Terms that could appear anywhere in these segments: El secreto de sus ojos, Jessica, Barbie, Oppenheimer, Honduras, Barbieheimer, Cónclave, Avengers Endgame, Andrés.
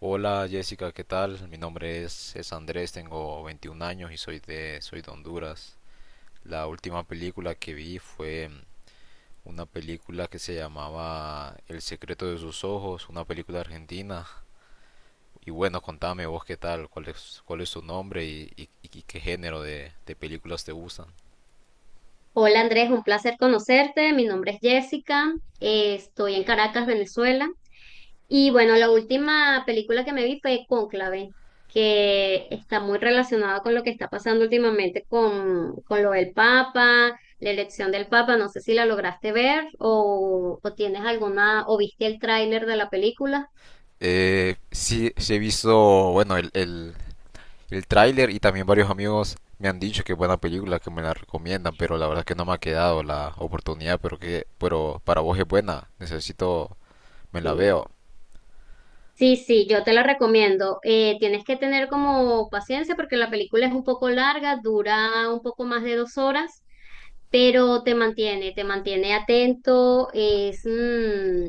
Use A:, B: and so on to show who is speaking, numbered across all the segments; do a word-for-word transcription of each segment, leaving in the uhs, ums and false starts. A: Hola Jessica, ¿qué tal? Mi nombre es, es Andrés, tengo veintiún años y soy de, soy de Honduras. La última película que vi fue mm, una película que se llamaba El secreto de sus ojos, una película argentina. Y bueno, contame vos qué tal, cuál es, cuál es tu nombre y, y- y qué género de, de películas te gustan.
B: Hola Andrés, un placer conocerte. Mi nombre es Jessica. Eh, estoy en Caracas, Venezuela. Y bueno, la última película que me vi fue Cónclave, que está muy relacionada con lo que está pasando últimamente con, con lo del Papa, la elección del Papa. No sé si la lograste ver o, o tienes alguna, o viste el tráiler de la película.
A: Eh, sí, sí he visto, bueno, el, el tráiler y también varios amigos me han dicho que es buena película, que me la recomiendan, pero la verdad es que no me ha quedado la oportunidad, pero que pero para vos es buena, necesito, me la
B: Sí.
A: veo.
B: Sí, sí, yo te la recomiendo. Eh, tienes que tener como paciencia porque la película es un poco larga, dura un poco más de dos horas. Pero te mantiene, te mantiene atento, es, mm,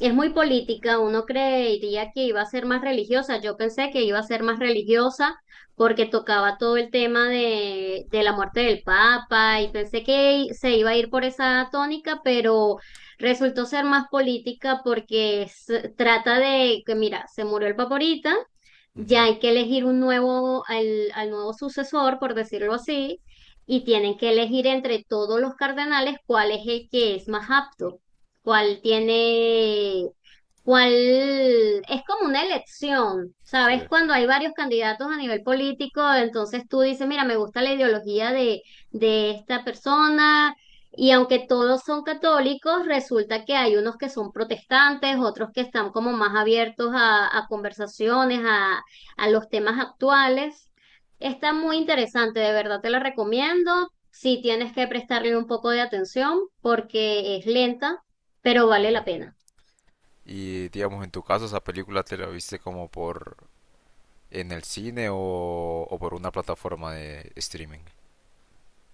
B: es muy política, uno creería que iba a ser más religiosa. Yo pensé que iba a ser más religiosa porque tocaba todo el tema de, de la muerte del Papa y pensé que se iba a ir por esa tónica, pero resultó ser más política porque se- trata de que, mira, se murió el Papa ahorita,
A: Ujú.
B: ya hay que elegir un nuevo, al, al nuevo sucesor, por decirlo así, y tienen que elegir entre todos los cardenales cuál es el que es más apto, cuál tiene, cuál, es como una elección,
A: Sí.
B: ¿sabes? Cuando hay varios candidatos a nivel político, entonces tú dices, mira, me gusta la ideología de, de esta persona. Y aunque todos son católicos, resulta que hay unos que son protestantes, otros que están como más abiertos a, a conversaciones, a, a los temas actuales. Está muy interesante, de verdad te la recomiendo. Si tienes que prestarle un poco de atención porque es lenta, pero vale la pena.
A: Y digamos, en tu caso, ¿esa película te la viste como por en el cine o, o por una plataforma de streaming?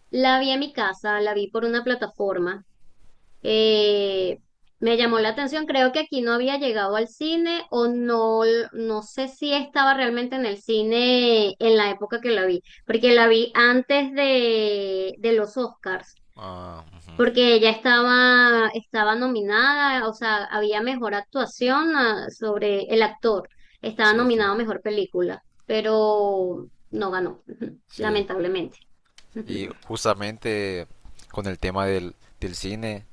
B: La vi en mi casa, la vi por una plataforma. eh, Me llamó la atención, creo que aquí no había llegado al cine o no, no sé si estaba realmente en el cine en la época que la vi, porque la vi antes de, de los Oscars,
A: Ah, ujú.
B: porque ella estaba, estaba nominada, o sea, había mejor actuación, ah, sobre el actor, estaba
A: Sí, sí,
B: nominado a mejor película, pero no ganó,
A: sí.
B: lamentablemente.
A: Y justamente con el tema del, del cine,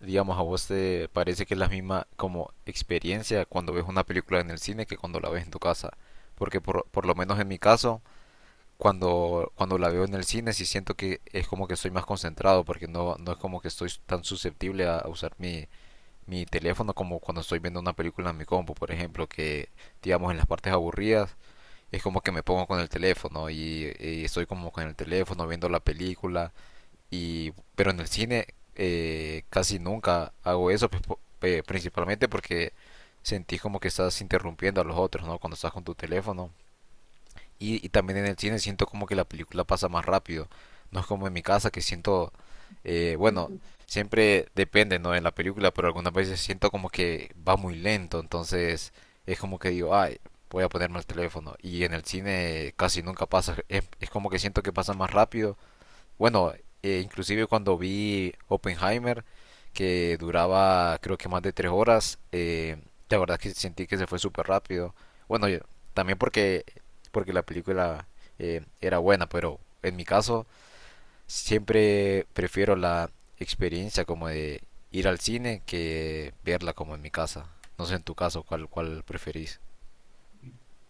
A: digamos, a vos te parece que es la misma como experiencia cuando ves una película en el cine que cuando la ves en tu casa. Porque por, por lo menos en mi caso, cuando, cuando la veo en el cine, sí siento que es como que estoy más concentrado, porque no, no es como que estoy tan susceptible a, a usar mi, mi teléfono como cuando estoy viendo una película en mi compu, por ejemplo, que digamos en las partes aburridas es como que me pongo con el teléfono y, y estoy como con el teléfono viendo la película y, pero en el cine eh, casi nunca hago eso, pues, po- eh, principalmente porque sentís como que estás interrumpiendo a los otros, ¿no? Cuando estás con tu teléfono. Y, y también en el cine siento como que la película pasa más rápido. No es como en mi casa que siento, eh, bueno, siempre depende, ¿no? En la película, pero algunas veces siento como que va muy lento, entonces es como que digo, ay, voy a ponerme el teléfono. Y en el cine casi nunca pasa, es, es como que siento que pasa más rápido. Bueno, eh, inclusive cuando vi Oppenheimer, que duraba creo que más de tres horas, eh, la verdad que sentí que se fue súper rápido. Bueno, yo- También porque, porque la película eh, era buena, pero en mi caso siempre prefiero la experiencia como de ir al cine que verla como en mi casa. No sé en tu caso cuál, cuál preferís.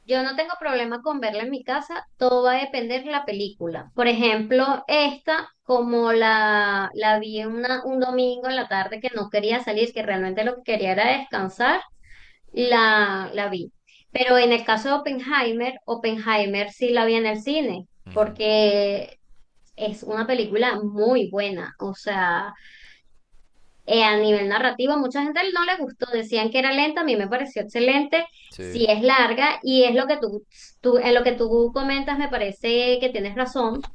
B: Yo no tengo problema con verla en mi casa, todo va a depender de la película. Por ejemplo, esta, como la, la vi una- un domingo en la tarde que no quería salir, que realmente lo que quería era descansar, la, la vi. Pero en el caso de Oppenheimer, Oppenheimer sí la vi en el cine,
A: Ujú.
B: porque es una película muy buena. O sea, eh, a nivel narrativo, mucha gente no le gustó, decían que era lenta, a mí me pareció excelente,
A: Sí,
B: sí es larga y es lo que tú, tú, en lo que tú comentas, me parece que tienes razón.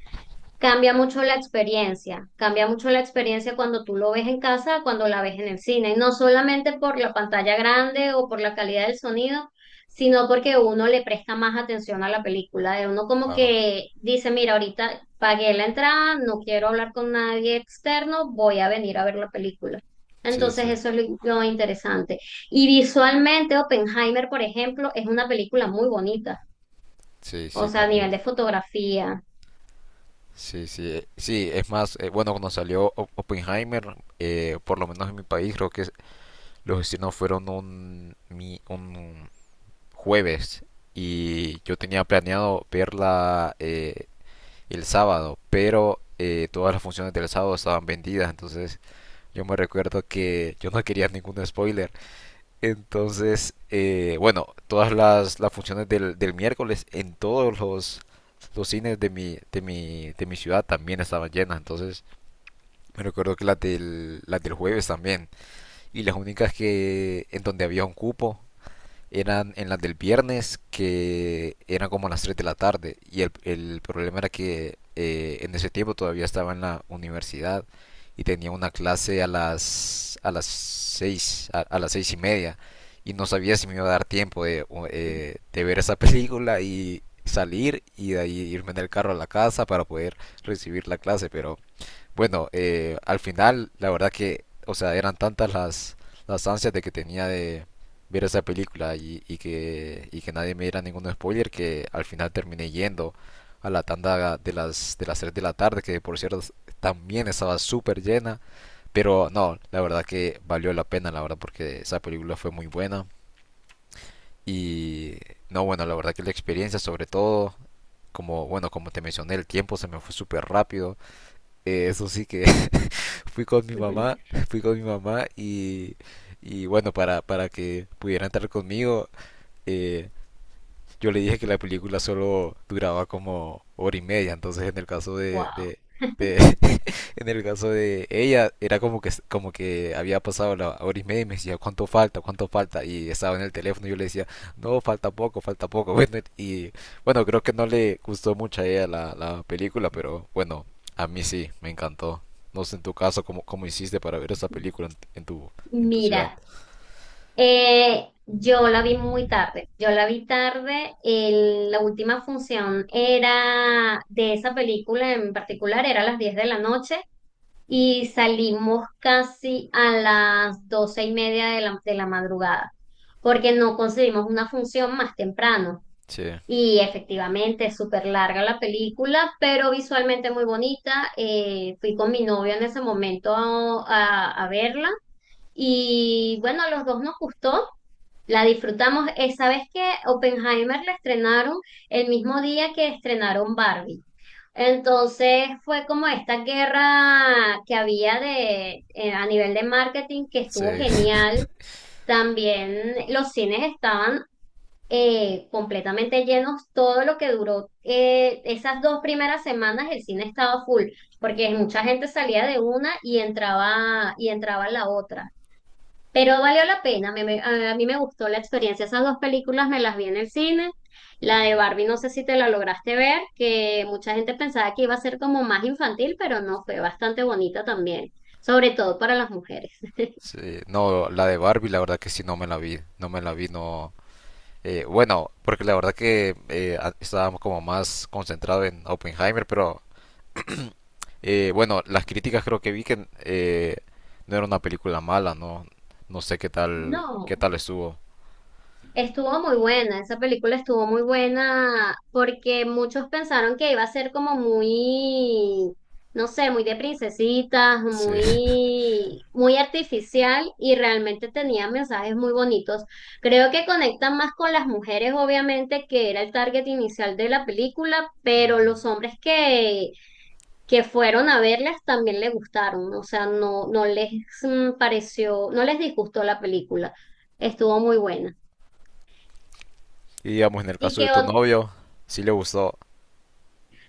B: Cambia mucho la experiencia, cambia mucho la experiencia cuando tú lo ves en casa, cuando la ves en el cine, y no solamente por la pantalla grande o por la calidad del sonido, sino porque uno le presta más atención a la película, de uno como
A: claro.
B: que dice, mira, ahorita pagué la entrada, no quiero hablar con nadie externo, voy a venir a ver la película.
A: Sí,
B: Entonces
A: sí.
B: eso es lo lo interesante. Y visualmente, Oppenheimer, por ejemplo, es una película muy bonita,
A: Sí,
B: o
A: sí,
B: sea, a nivel
A: también.
B: de fotografía.
A: Sí, sí, eh, sí, es más, eh, bueno, cuando salió Op- Oppenheimer, eh, por lo menos en mi país, creo que los estrenos fueron un, mi- un jueves y yo tenía planeado verla eh, el sábado, pero eh, todas las funciones del sábado estaban vendidas, entonces yo me recuerdo que yo no quería ningún spoiler entonces, eh, bueno, todas las, las funciones del, del miércoles en todos los, los cines de mi, de mi, de mi ciudad también estaban llenas. Entonces, me recuerdo que las del, las del jueves también. Y las únicas que en donde había un cupo eran en las del viernes que eran como a las tres de la tarde y el, el problema era que eh, en ese tiempo todavía estaba en la universidad y tenía una clase a las a las seis a, a las seis y media y no sabía si me iba a dar tiempo de, eh, de ver esa película y salir y de ahí irme en el carro a la casa para poder recibir la clase pero bueno, eh, al final, la verdad que, o sea, eran tantas las, las ansias de que tenía de ver esa película y, y que, y que nadie me diera ningún spoiler que al final terminé yendo a la tanda de las, de las tres de la tarde, que por cierto también estaba súper llena. Pero no, la verdad que valió la pena, la verdad, porque esa película fue muy buena. Y no, bueno, la verdad que la experiencia, sobre todo, como, bueno, como te mencioné, el tiempo se me fue súper rápido. Eh, eso sí que fui con mi
B: Ujú.
A: mamá, fui con mi mamá y, y bueno, para, para que pudiera entrar conmigo, eh, yo le dije que la película solo duraba como hora y media, entonces en el caso de,
B: Wow.
A: de, de- en el caso de ella era como que como que había pasado la hora y media y me decía cuánto falta, cuánto falta y estaba en el teléfono y yo le decía no falta poco, falta poco, bueno y bueno creo que no le gustó mucho a ella la, la película, pero bueno a mí sí me encantó. No sé en tu caso cómo, cómo hiciste para ver esa película en, en tu en tu ciudad.
B: Mira, Eh, yo la vi muy tarde, yo la vi tarde, el- la última función era de esa película en particular, era a las diez de la noche y salimos casi a las doce y media de la, de la madrugada, porque no conseguimos una función más temprano.
A: Sí,
B: Y efectivamente es súper larga la película, pero visualmente muy bonita. Eh, fui con mi novio en ese momento a a- a verla y bueno, a los dos nos gustó. La disfrutamos. Eh, ¿sabes qué? Oppenheimer la estrenaron el mismo día que estrenaron Barbie. Entonces fue como esta guerra que había de, eh, a nivel de marketing que estuvo
A: sí.
B: genial. También los cines estaban eh, completamente llenos. Todo lo que duró, eh, esas dos primeras semanas el cine estaba full, porque mucha gente salía de una y entraba, y entraba la otra. Pero valió la pena, me- me- a, a mí me gustó la experiencia. Esas dos películas me las vi en el cine. La de Barbie, no sé si te la lograste ver, que mucha gente pensaba que iba a ser como más infantil, pero no, fue bastante bonita también, sobre todo para las mujeres.
A: Sí, no, la de Barbie, la verdad que sí, no me la vi, no me la vi, no. Eh, bueno, porque la verdad que eh, a- estaba como más concentrados en Oppenheimer, pero eh, bueno, las críticas creo que vi que eh, no era una película mala, no, no sé qué tal, qué
B: No.
A: tal estuvo.
B: Estuvo muy buena, esa película estuvo muy buena porque muchos pensaron que iba a ser como muy, no sé, muy de princesitas,
A: Sí.
B: muy, muy artificial y realmente tenía mensajes muy bonitos. Creo que conectan más con las mujeres, obviamente, que era el target inicial de la película, pero los hombres que, que fueron a verlas también les gustaron, o sea, no, no les mm, pareció, no les disgustó la película. Estuvo muy buena.
A: Y digamos, en el
B: ¿Y
A: caso de
B: qué?
A: tu novio, sí le gustó.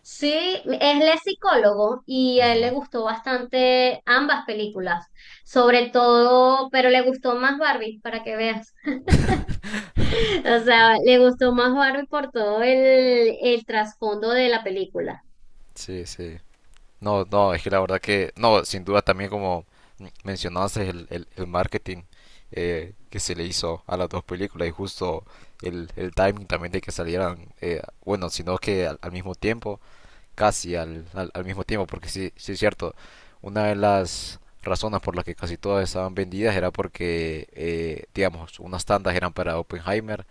B: Sí, él es psicólogo y a él le
A: Ujú.
B: gustó bastante ambas películas, sobre todo, pero le gustó más Barbie, para que veas. O sea, le gustó más Barbie por todo el, el trasfondo de la película
A: Sí, sí. No, no, es que la verdad que, no, sin duda también como mencionaste el, el, el marketing eh, que se le hizo a las dos películas y justo el, el timing también de que salieran, eh, bueno, sino que al, al mismo tiempo, casi al, al, al mismo tiempo, porque sí, sí es cierto, una de las razones por las que casi todas estaban vendidas era porque, eh, digamos, unas tandas eran para Oppenheimer,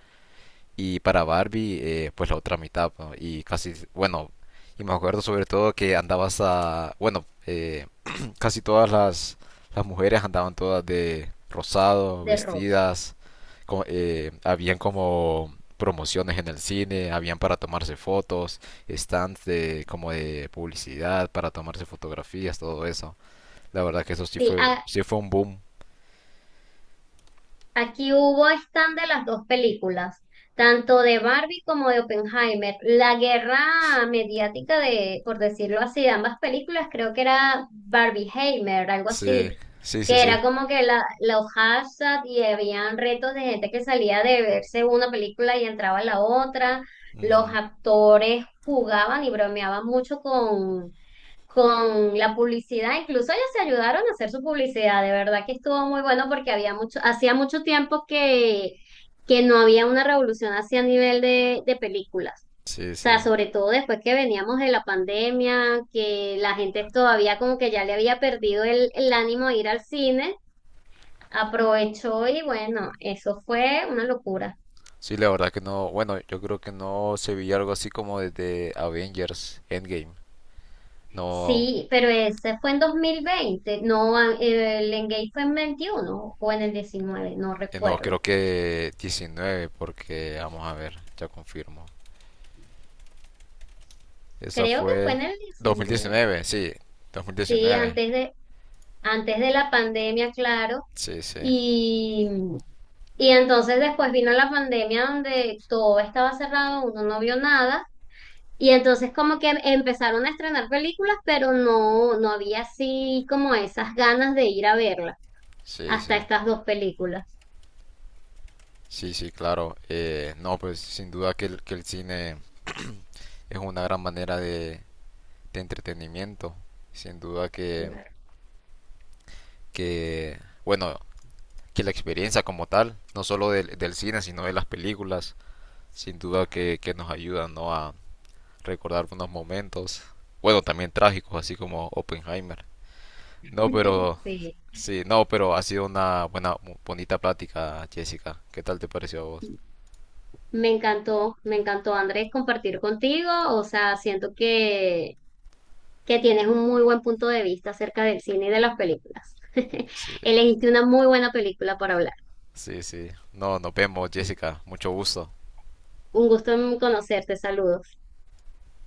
A: y para Barbie, eh, pues la otra mitad, ¿no? Y casi, bueno, y me acuerdo sobre todo que andabas a, bueno, eh, casi todas las, las mujeres andaban todas de rosado,
B: de Rose.
A: vestidas, co- eh, habían como promociones en el cine, habían para tomarse fotos, stands de, como de publicidad, para tomarse fotografías, todo eso. La verdad que eso sí
B: Sí,
A: fue, sí fue un boom.
B: aquí hubo stand de las dos películas, tanto de Barbie como de Oppenheimer. La guerra mediática de, por decirlo así, de ambas películas, creo que era Barbieheimer, algo
A: Sí,
B: así,
A: sí, sí,
B: que
A: sí.
B: era como que la, los hashtags y habían retos de gente que salía de verse una película y entraba a la otra. Los
A: Ujú.
B: actores jugaban y bromeaban mucho con con la publicidad, incluso ellos se ayudaron a hacer su publicidad, de verdad que estuvo muy bueno porque había mucho, hacía mucho tiempo que, que no había una revolución así a nivel de, de películas.
A: Sí,
B: O sea,
A: sí.
B: sobre todo después que veníamos de la pandemia, que la gente todavía como que ya le había perdido el, el ánimo de ir al cine, aprovechó y bueno, eso fue una locura.
A: Sí, la verdad que no. Bueno, yo creo que no se veía algo así como desde Avengers Endgame. No,
B: Sí, pero ese fue en dos mil veinte, no, eh, el Engage fue en veintiuno o en el diecinueve, no
A: eh, no,
B: recuerdo.
A: creo que diecinueve, porque vamos a ver, ya confirmo. Esa
B: Creo que fue
A: fue
B: en el diecinueve.
A: dos mil diecinueve, sí,
B: Sí,
A: dos mil diecinueve.
B: antes de, antes de la pandemia, claro.
A: Sí, sí,
B: Y, y entonces después vino la pandemia donde todo estaba cerrado, uno no vio nada. Y entonces como que empezaron a estrenar películas, pero no, no había así como esas ganas de ir a verla,
A: sí, sí.
B: hasta estas dos películas.
A: Sí, sí, claro. Eh, no, pues sin duda que el, que el cine es una gran manera de, de entretenimiento. Sin duda que,
B: Claro.
A: que, bueno, que la experiencia como tal, no solo del, del cine, sino de las películas sin duda que, que nos ayuda, ¿no?, a recordar unos momentos, bueno, también trágicos, así como Oppenheimer. No, pero
B: Sí,
A: sí, no, pero ha sido una buena, mu- bonita plática, Jessica. ¿Qué tal te pareció a vos?
B: me encantó, me encantó Andrés compartir contigo, o sea, siento que que tienes un muy buen punto de vista acerca del cine y de las películas.
A: Sí,
B: Elegiste una muy buena película para hablar.
A: sí, sí. No, nos vemos, Jessica. Mucho gusto.
B: Un gusto en conocerte, saludos.